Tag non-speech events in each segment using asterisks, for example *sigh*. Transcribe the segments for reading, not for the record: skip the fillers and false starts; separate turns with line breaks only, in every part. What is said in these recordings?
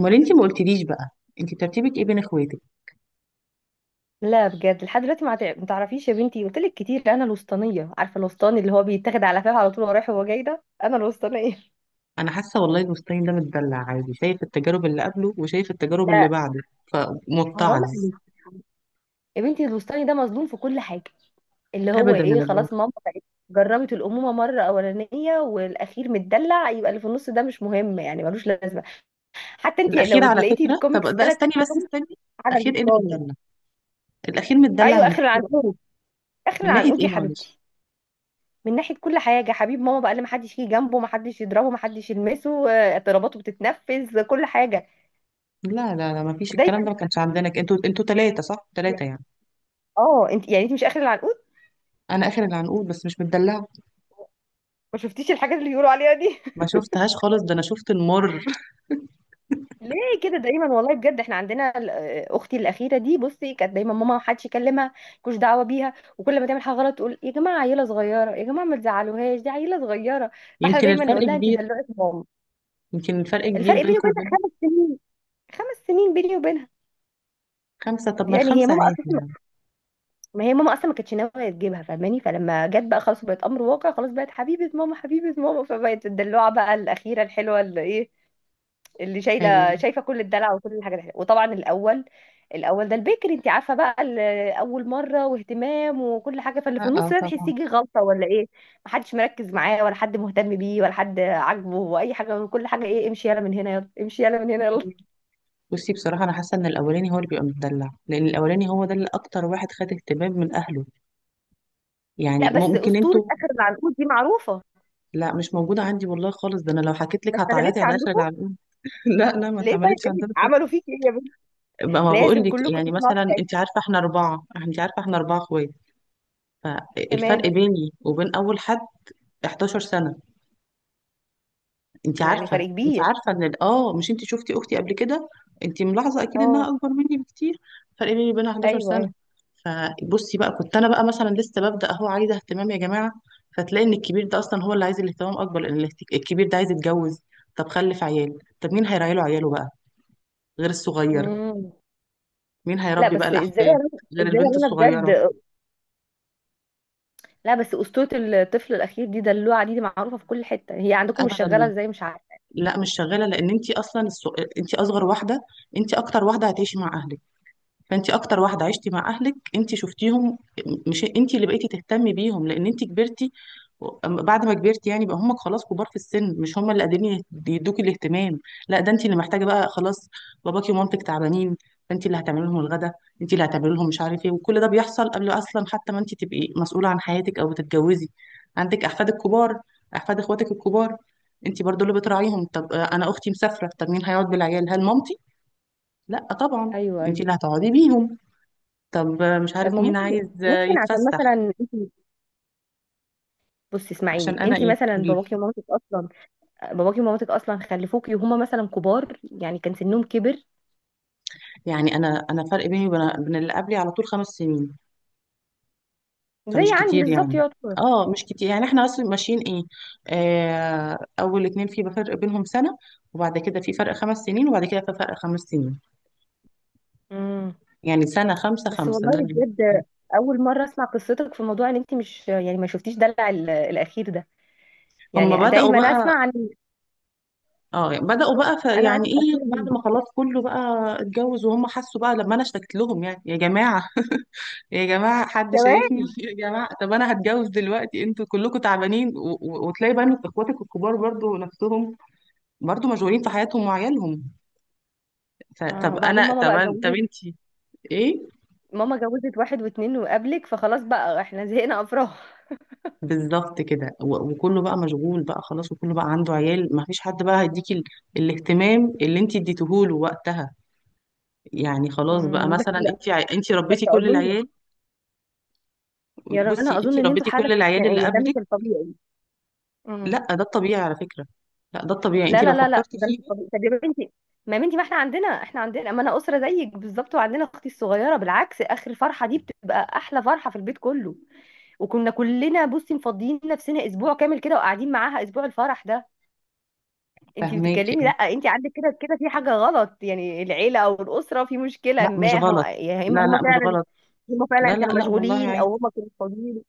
امال انتي ما قلتليش بقى. انتي ترتيبك ايه بين اخواتك؟
لا بجد لحد دلوقتي ما تعرفيش يا بنتي، قلت لك كتير انا الوسطانيه، عارفه الوسطاني اللي هو بيتاخد على فاهم على طول وهو رايح وهو جاي، ده انا الوسطانيه.
انا حاسه والله المستني ده متدلع عادي، شايف التجارب اللي قبله وشايف التجارب اللي
لا
بعده
حرام
فمتعظ.
عليك. يا بنتي الوسطاني ده مظلوم في كل حاجه، اللي هو
ابدا
ايه،
والله.
خلاص ماما بقت جربت الامومه مره اولانيه والاخير متدلع، يبقى اللي في النص ده مش مهم يعني، ملوش لازمه. حتى انت
الاخير
لو
على
لقيتي
فكره، طب
الكوميكس
ده
ثلاث
استني
ارباع
بس
كوميكس
استني.
على
الاخير ايه اللي
الوسطاني.
متدلع؟ الاخير متدلع
ايوه
من
اخر
ناحيه
العنقود. اخر
من ناحيه
العنقود
ايه
يا
معلش؟
حبيبتي. من ناحية كل حاجة، حبيب ماما بقى اللي محدش يجي جنبه، محدش يضربه، محدش يلمسه، اضطراباته بتتنفذ كل حاجة.
لا لا لا، ما فيش
دايما.
الكلام ده، ما كانش عندنا انتوا ثلاثه، صح ثلاثه يعني.
اه انت يعني انت مش اخر العنقود؟
انا اخر العنقود بس مش متدلعه.
ما شفتيش الحاجات اللي بيقولوا عليها دي؟
ما
*laughs*
شفتهاش خالص، ده انا شفت المر *laughs*
ليه؟ كده دايما والله بجد، احنا عندنا اختي الاخيره دي بصي كانت دايما ماما، ما حدش يكلمها، ملوش دعوه بيها، وكل ما تعمل حاجه غلط تقول يا جماعه عيله صغيره، يا جماعه ما تزعلوهاش دي عيله صغيره. فاحنا
يمكن
دايما
الفرق
نقول لها انت
كبير،
دلوقتي ماما.
يمكن الفرق
الفرق
كبير
بيني
بينكم
وبينها
وبينها.
خمس سنين، خمس سنين بيني وبينها.
خمسه؟ طب ما
يعني هي
الخمسه
ماما،
عادي يعني.
ما هي ماما اصلا ما كانتش ناويه تجيبها فاهماني، فلما جت بقى خلاص بقت امر واقع، خلاص بقت حبيبه ماما، حبيبه ماما، فبقت الدلوعه بقى الاخيره الحلوه اللي ايه، اللي
ايوه.
شايله شايفه كل الدلع وكل الحاجات الحلوه. وطبعا الاول، الاول ده البكري، انت عارفه بقى اول مره واهتمام وكل حاجه، فاللي
اه،
في
آه،
النص ده
طبعا.
تحسيه غلطه ولا ايه؟ محدش مركز معاه، ولا حد مهتم بيه، ولا حد عاجبه واي حاجه، وكل حاجه ايه، امشي يلا من هنا يلا، امشي يلا من هنا يلا.
مم. بصي بصراحة أنا حاسة إن الأولاني هو اللي بيبقى متدلع، لأن الأولاني هو ده اللي أكتر واحد خد اهتمام من أهله. يعني
لا بس
ممكن
اسطوره
أنتوا.
اخر العنقود دي معروفه.
لا مش موجودة عندي والله خالص، ده أنا لو حكيت
ما
لك
اشتغلتش
هتعيطي على آخر
عندكم.
العنقود. *laughs* لا لا، ما
ليه طيب
اتعملتش
إيه؟
عندنا خالص.
عملوا فيك ايه؟
بقى ما بقول
لازم
لك،
كلكم
يعني
تسمعوا
مثلا
حكايتي.
أنت عارفة إحنا أربعة، أنت عارفة إحنا 4 إخوات. فالفرق
تمام.
بيني وبين أول حد 11 سنة. انت
يعني
عارفه،
فرق
انت
كبير.
عارفه ان مش انت شفتي اختي قبل كده؟ انت ملاحظه اكيد
اه.
انها اكبر مني بكتير. فرق بيني وبينها 11
ايوه
سنه.
ايوه.
فبصي بقى، كنت انا بقى مثلا لسه ببدا اهو، عايزه اهتمام يا جماعه. فتلاقي ان الكبير ده اصلا هو اللي عايز الاهتمام اكبر، لان الكبير ده عايز يتجوز. طب خلف عيال، طب مين هيراعي له عياله بقى غير الصغير؟
مم.
مين
لا
هيربي بقى
بس ازاي يا
الاحفاد
رنا-
غير
ازاي يا
البنت
رنا
الصغيره؟
بجد. لا بس اسطوره الطفل الاخير دي دلوعه دي, دي معروفه في كل حته، هي عندكم مش شغاله
ابدا.
ازاي مش عارفه.
لا مش شغاله، لان انت اصلا انت اصغر واحده، انت اكتر واحده هتعيشي مع اهلك. فانت اكتر واحده عشتي مع اهلك، انت شفتيهم. مش انت اللي بقيتي تهتمي بيهم لان انت كبرتي؟ أما بعد ما كبرتي يعني، بقى هم خلاص كبار في السن، مش هم اللي قادرين يدوكي الاهتمام، لا ده انت اللي محتاجه بقى خلاص. باباكي ومامتك تعبانين، فانت اللي هتعملي لهم الغدا، انت اللي هتعملي لهم مش عارف ايه. وكل ده بيحصل قبل اصلا حتى ما انت تبقي مسؤوله عن حياتك او بتتجوزي. عندك احفادك كبار، احفاد اخواتك الكبار، انت برضو اللي بتراعيهم. طب آه، انا اختي مسافره، طب مين هيقعد بالعيال؟ هل مامتي؟ لا طبعا،
ايوه
انت
ايوه.
اللي هتقعدي بيهم. طب مش
طب
عارف
ما
مين
ممكن،
عايز
ممكن عشان
يتفسح.
مثلا انت، بصي
عشان
اسمعيني،
انا
انت
ايه
مثلا
قولي لي.
باباكي ومامتك اصلا، باباكي ومامتك اصلا خلفوكي وهما مثلا كبار، يعني كان سنهم كبر.
يعني انا فرق بيني وبين اللي قبلي على طول 5 سنين،
زي
فمش
عندي
كتير
بالظبط
يعني.
يعتبر.
اه مش كتير يعني، احنا اصلا ماشيين ايه، آه، اول اتنين في فرق بينهم سنة، وبعد كده في فرق 5 سنين، وبعد كده في فرق خمس سنين.
مم.
يعني سنة، خمسة
بس
خمسة، ده
والله بجد، اول مره اسمع قصتك في موضوع ان انت مش يعني ما شفتيش دلع الاخير ده،
هم
يعني
بدأوا
دايما
بقى.
اسمع عن،
اه بدأوا بقى، ف
انا عن
يعني ايه
الاخير
بعد
هنا.
ما خلاص كله بقى اتجوز، وهم حسوا بقى لما انا اشتكت لهم يعني يا جماعة، يا جماعة حد شايفني
كمان
*laughs* يا جماعة طب أنا هتجوز دلوقتي، أنتوا كلكم تعبانين وتلاقي بقى إن إخواتك الكبار برضو نفسهم، برضو مشغولين في حياتهم وعيالهم. طب
اه. وبعدين
أنا
ماما بقى
طب
جوزت،
أنتي إيه.
ماما جوزت واحد واتنين وقبلك، فخلاص بقى احنا زهقنا افراح.
بالظبط كده. وكله بقى مشغول بقى خلاص، وكله بقى عنده عيال، ما فيش حد بقى هيديكي الاهتمام اللي أنتي اديتهوله وقتها. يعني خلاص بقى
بس
مثلا
لا،
أنتي أنتي
بس
ربيتي كل
اظن،
العيال.
يا
بصي
رنا اظن
أنتي
ان انتوا
ربيتي
حاله
كل العيال اللي
استثنائيه، ده مش
قبلك.
الطبيعي. أمم.
لا ده الطبيعي على فكرة. لا ده الطبيعي
لا
أنتي لو
لا لا لا،
فكرتي
ده مش
فيه.
الطبيعي طب يا بنتي، ما يا بنتي ما احنا عندنا، احنا عندنا، ما انا اسره زيك بالظبط وعندنا اختي الصغيره، بالعكس اخر فرحه دي بتبقى احلى فرحه في البيت كله. وكنا كلنا بصي مفضيين نفسنا اسبوع كامل كده وقاعدين معاها اسبوع الفرح ده. انت
فهماكي.
بتتكلمي لا، انت عندك كده كده في حاجه غلط يعني، العيله او الاسره في مشكله،
لا مش
ما هم
غلط،
يا اما
لا
هم
لا مش
فعلا،
غلط.
هم
لا
فعلا
لا
كانوا
لا والله
مشغولين
عادي.
او هم كانوا فاضيين.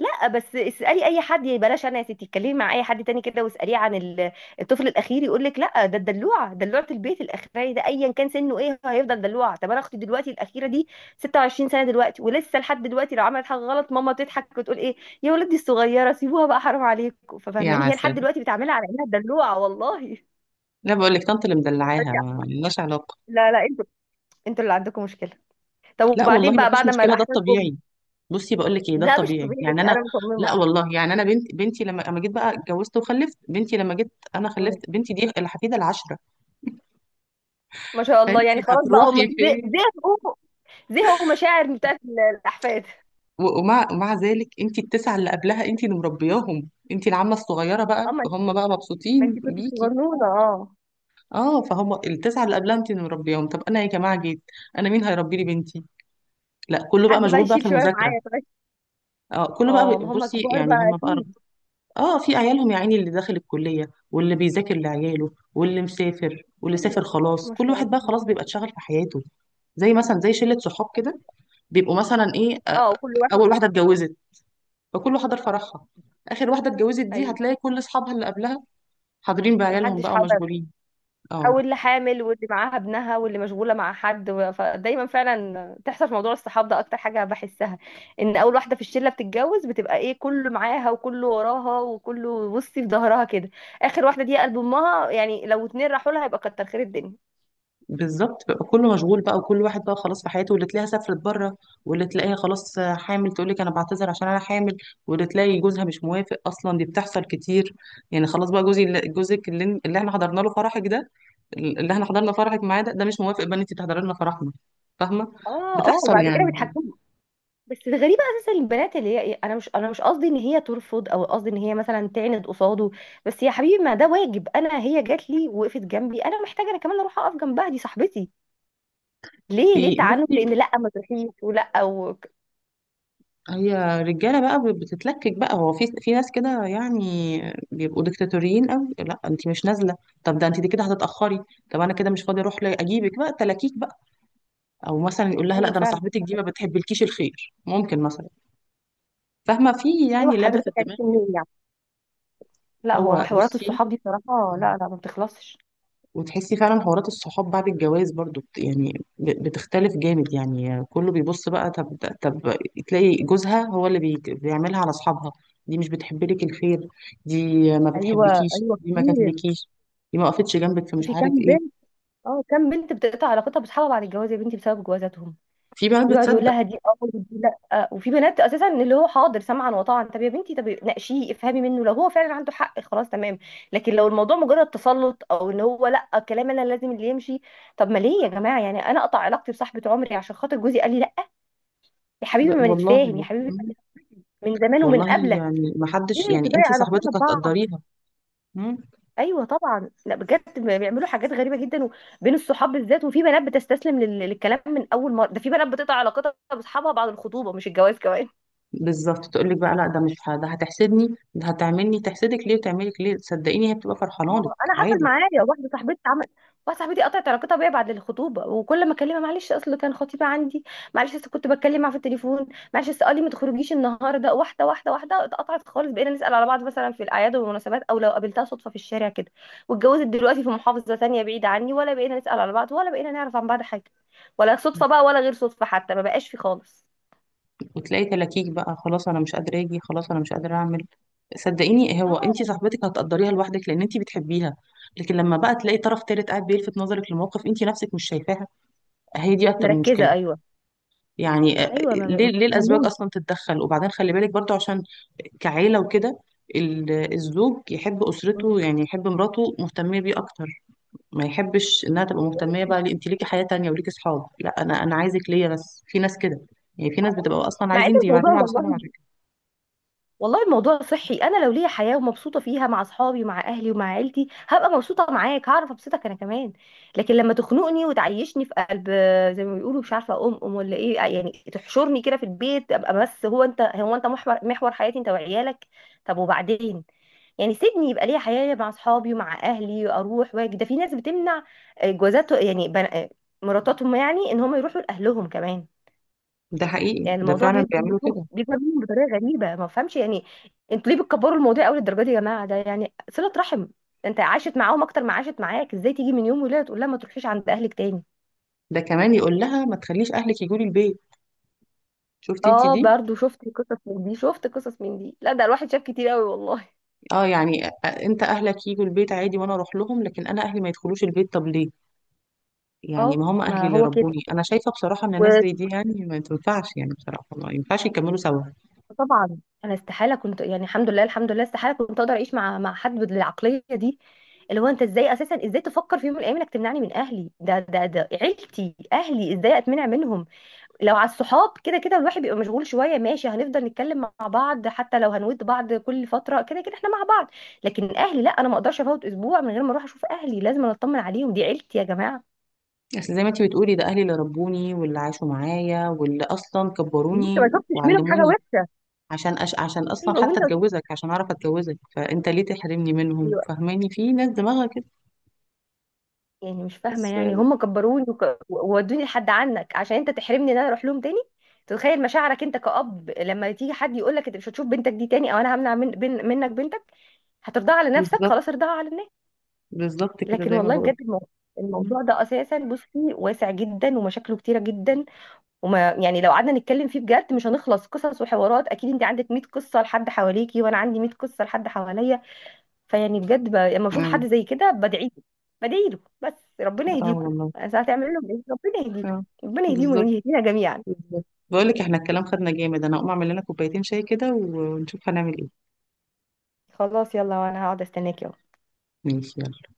لا بس اسألي اي حد يعني، بلاش انا، يا ستي اتكلمي مع اي حد تاني كده واسأليه عن الطفل الاخير، يقول لك لا ده الدلوعه، دلوعه البيت الاخير ده ايا كان سنه ايه، هو هيفضل دلوعه. طب انا اختي دلوقتي الاخيره دي 26 سنه دلوقتي، ولسه لحد دلوقتي لو عملت حاجه غلط ماما تضحك وتقول ايه، يا ولدي الصغيره سيبوها بقى، حرام عليكم،
يا
ففهماني هي لحد
عسل.
دلوقتي بتعملها على انها دلوعه والله.
لا بقول لك طنط اللي مدلعاها،
*laughs*
ما لناش علاقه.
لا لا، انتوا، انتوا اللي عندكم مشكله. طب
لا والله
وبعدين
ما
بقى
فيش
بعد ما
مشكله، ده
الاحفاد جم؟
الطبيعي. بصي بقول لك ايه، ده
لا مش
الطبيعي
طبيعي،
يعني انا.
انا
لا
مصممه.
والله يعني انا، بنت بنتي لما اما جيت بقى اتجوزت وخلفت بنتي، لما جيت انا
مم.
خلفت بنتي، دي الحفيده العاشره.
ما شاء الله،
فانت
يعني خلاص بقى هم
هتروحي
زه-
فين؟
زهقوا زهقوا مشاعر بتاعت الاحفاد.
ومع ذلك انت التسعه اللي قبلها انت اللي مربياهم، انت العمه الصغيره بقى،
اما انت،
هم بقى
ما انت
مبسوطين
كنت
بيكي.
صغنونه اه.
اه فهم التسعه اللي قبلها انت اللي مربياهم. طب انا يا جماعه جيت، انا مين هيربي لي بنتي؟ لا كله بقى
حد بقى
مشغول بقى في
يشيل شويه
المذاكرة.
معايا طيب.
اه كله بقى
اه ما هم
بصي
كبار
يعني
بقى
هم بقى
اكيد.
اه في عيالهم يا عيني، اللي داخل الكلية، واللي بيذاكر لعياله، واللي مسافر، واللي
أيوة،
سافر خلاص،
ما
كل
شاء الله.
واحد بقى خلاص بيبقى اتشغل في حياته. زي مثلا زي شلة صحاب كده، بيبقوا مثلا ايه آه،
اه كل واحد.
اول واحدة اتجوزت فكله حضر فرحها، اخر واحدة اتجوزت دي
ايوه.
هتلاقي كل اصحابها اللي قبلها حاضرين
ما
بعيالهم
حدش
بقى،
حضر.
ومشغولين.
او
اه
اللي حامل واللي معاها ابنها واللي مشغوله مع حد فدايما فعلا تحصل في موضوع الصحاب ده، اكتر حاجه بحسها ان اول واحده في الشله بتتجوز بتبقى ايه، كله معاها وكله وراها وكله بصي في ظهرها كده. اخر واحده دي قلب امها، يعني لو اتنين راحوا لها يبقى كتر خير الدنيا.
بالظبط بقى كله مشغول بقى، وكل واحد بقى خلاص في حياته، واللي تلاقيها سافرت بره، واللي تلاقيها خلاص حامل تقول لك انا بعتذر عشان انا حامل، واللي تلاقي جوزها مش موافق اصلا، دي بتحصل كتير. يعني خلاص بقى جوزك اللي احنا حضرنا له فرحك ده، اللي احنا حضرنا فرحك معاه ده، ده مش موافق بقى ان انت تحضري لنا فرحنا، فاهمه؟
اه اه.
بتحصل
وبعد كده
يعني.
بيتحكموا. بس الغريبة اساسا البنات اللي هي إيه، انا مش قصدي ان هي ترفض، او قصدي ان هي مثلا تعند قصاده، بس يا حبيبي ما ده واجب، انا هي جات لي وقفت جنبي، انا محتاجة انا كمان اروح اقف جنبها، دي صاحبتي. ليه، ليه تعنت
بصي،
في ان لا ما تروحيش، ولا و...
هي رجاله بقى بتتلكك بقى، هو في في ناس كده يعني بيبقوا ديكتاتوريين قوي، لا انت مش نازله، طب ده انت دي كده هتتاخري، طب انا كده مش فاضيه اروح اجيبك بقى تلاكيك بقى، او مثلا يقول لها لا
ايوه
ده انا
فعلا.
صاحبتك دي ما بتحبلكيش الخير، ممكن مثلا. فاهمه؟ في
ايوه
يعني لعبه في
حضرتك عرفت
الدماغ.
منين يعني؟ لا هو
هو
حوارات
بصي،
الصحاب دي صراحة لا لا ما بتخلصش.
وتحسي فعلا حوارات الصحاب بعد الجواز برضو يعني بتختلف جامد يعني، كله بيبص بقى، طب طب تلاقي جوزها هو اللي بيعملها على اصحابها، دي مش بتحب لك الخير، دي ما
ايوه
بتحبكيش،
ايوه
دي ما
كتير.
كاتلكيش، دي ما وقفتش جنبك في مش
في
عارف
كام بنت،
ايه.
اه كام بنت بتقطع علاقتها بصحابها بعد الجواز يا بنتي بسبب جوازاتهم.
في بنات
ويقعد يقول
بتصدق.
لها دي اه ودي لا، وفي بنات اساسا اللي هو حاضر سمعا وطاعا. طب يا بنتي طب ناقشيه افهمي منه، لو هو فعلا عنده حق خلاص تمام، لكن لو الموضوع مجرد تسلط، او ان هو لا، الكلام انا لازم اللي يمشي، طب ما ليه يا جماعه، يعني انا اقطع علاقتي بصاحبه عمري عشان خاطر جوزي قال لي لا، يا حبيبي ما نتفاهم يا
والله.
حبيبي
مم.
من زمان ومن
والله
قبله،
يعني ما حدش
ليه
يعني،
تضيع
انتي
علاقتنا
صاحبتك
ببعض.
هتقدريها. مم.
ايوه طبعا، لا بجد بيعملوا حاجات غريبه جدا بين الصحاب بالذات، وفي بنات بتستسلم للكلام من اول مره، ده في بنات بتقطع علاقتها باصحابها بعد الخطوبه مش الجواز كمان.
بالظبط تقول لك بقى لا ده مش ده هتحسدني، ده هتعملني. تحسدك ليه وتعملك ليه؟ صدقيني هي بتبقى فرحانه
اه
لك
انا حصل
عادي.
معايا واحده صاحبتي عمل، واحده صاحبتي قطعت علاقتها بيا بعد الخطوبه، وكل ما اكلمها معلش اصل كان خطيبه عندي، معلش اصل كنت بتكلم معاه في التليفون، معلش اصل قال لي ما تخرجيش النهارده، واحده واحده واحده اتقطعت خالص، بقينا نسال على بعض مثلا في الاعياد والمناسبات، او لو قابلتها صدفه في الشارع كده. واتجوزت دلوقتي في محافظه ثانيه بعيده عني، ولا بقينا نسال على بعض، ولا بقينا نعرف عن بعض حاجه، ولا صدفه بقى ولا غير صدفه، حتى ما بقاش في خالص.
وتلاقي تلاكيك بقى خلاص انا مش قادره اجي، خلاص انا مش قادره اعمل. صدقيني هو انت
اه
صاحبتك هتقدريها لوحدك لان انت بتحبيها، لكن لما بقى تلاقي طرف تالت قاعد بيلفت نظرك لموقف انت نفسك مش شايفاها، هي دي
مش
اكتر
مركزه،
مشكله.
ايوه
يعني آه،
ايوه،
ليه ليه الازواج
ملموم.
اصلا تتدخل؟ وبعدين خلي بالك برضو عشان كعيله وكده، الزوج يحب اسرته يعني، يحب مراته مهتميه بيه اكتر، ما يحبش انها تبقى مهتميه بقى، ليه انت ليكي حياه تانية وليكي صحاب، لا انا عايزك ليا بس. في ناس كده، يعني في ناس بتبقى اصلا
مع ان
عايزين
الموضوع
يبعدوهم على اصحابهم.
والله، والله الموضوع صحي، انا لو ليا حياه ومبسوطه فيها مع اصحابي ومع اهلي ومع عيلتي هبقى مبسوطه معاك، هعرف ابسطك انا كمان، لكن لما تخنقني وتعيشني في قلب، زي ما بيقولوا مش عارفه ام ام ولا ايه، يعني تحشرني كده في البيت ابقى بس، انت، هو انت محور حياتي انت وعيالك، طب وبعدين، يعني سيبني يبقى ليا حياه مع اصحابي ومع اهلي اروح واجي، ده في ناس بتمنع جوازات يعني مراتاتهم، يعني ان هم يروحوا لاهلهم كمان،
ده حقيقي،
يعني
ده
الموضوع
فعلا
بيكبر
بيعملوا
منهم،
كده.
بيكبر منهم بطريقه غريبه، ما بفهمش يعني انتوا ليه بتكبروا الموضوع قوي للدرجه دي يا جماعه، ده يعني صله رحم، انت عاشت معاهم اكتر ما عاشت معاك، ازاي تيجي من يوم وليله تقول لها ما تروحيش عند اهلك تاني.
ده كمان يقول لها ما تخليش اهلك يجوا لي البيت. شفتي انت
اه
دي؟
برضو شفت قصص من دي، شفت قصص من دي، لا ده الواحد شاف كتير قوي والله.
اه يعني انت اهلك يجوا البيت عادي وانا اروح لهم، لكن انا اهلي ما يدخلوش البيت، طب ليه؟ يعني
اه
ما هم اهلي
ما
اللي
هو كده،
ربوني. انا شايفه بصراحه ان ناس زي دي يعني ما تنفعش، يعني بصراحه ما ينفعش يكملوا سوا.
وطبعا انا استحاله كنت، يعني الحمد لله الحمد لله استحاله كنت اقدر اعيش مع حد بالعقليه دي، اللي هو انت ازاي اساسا، ازاي تفكر في يوم من الايام انك تمنعني من اهلي، ده عيلتي اهلي ازاي اتمنع منهم، لو على الصحاب كده كده الواحد بيبقى مشغول شويه ماشي، هنفضل نتكلم مع بعض حتى لو هنود بعض كل فتره، كده كده احنا مع بعض، لكن اهلي لا، انا ما اقدرش افوت اسبوع من غير ما اروح اشوف اهلي، لازم أنا اطمن عليهم دي عيلتي يا جماعه.
اصل زي ما انت بتقولي، ده اهلي اللي ربوني واللي عاشوا معايا واللي اصلا
انت ما
كبروني
شفتش منهم حاجه
وعلموني،
وحشه.
عشان عشان اصلا
ايوه
حتى
وانت وصلت
اتجوزك، عشان اعرف اتجوزك، فانت ليه تحرمني منهم؟
دلوقتي.
فاهماني؟ في ناس دماغها كده
يعني مش فاهمه،
بس.
يعني هم كبروني وودوني لحد عنك عشان انت تحرمني ان انا اروح لهم تاني. تتخيل مشاعرك انت كأب لما تيجي حد يقول لك انت مش هتشوف بنتك دي تاني، او انا همنع من منك بنتك، هترضاها على نفسك؟
بالظبط.
خلاص ارضاها على الناس.
بالظبط كده
لكن
زي ما
والله
بقول.
بجد
امم.
الموضوع ده اساسا بصي واسع جدا ومشاكله كتيره جدا، وما يعني لو قعدنا نتكلم فيه بجد مش هنخلص قصص وحوارات، اكيد انت عندك 100 قصه لحد حواليكي وانا عندي 100 قصه لحد حواليا، فيعني بجد لما بشوف
اه.
حد زي كده بدعي له، بدعي له بس، ربنا يهديكم،
والله.
انا هتعمل لهم ايه، ربنا يهديكم،
اه.
ربنا يهديهم
بالظبط.
ويهدينا جميعا.
بالظبط بقول لك احنا الكلام خدنا جامد، انا هقوم اعمل لنا كوبايتين شاي كده ونشوف هنعمل ايه.
خلاص يلا، وانا هقعد استناكي.
ماشي يلا.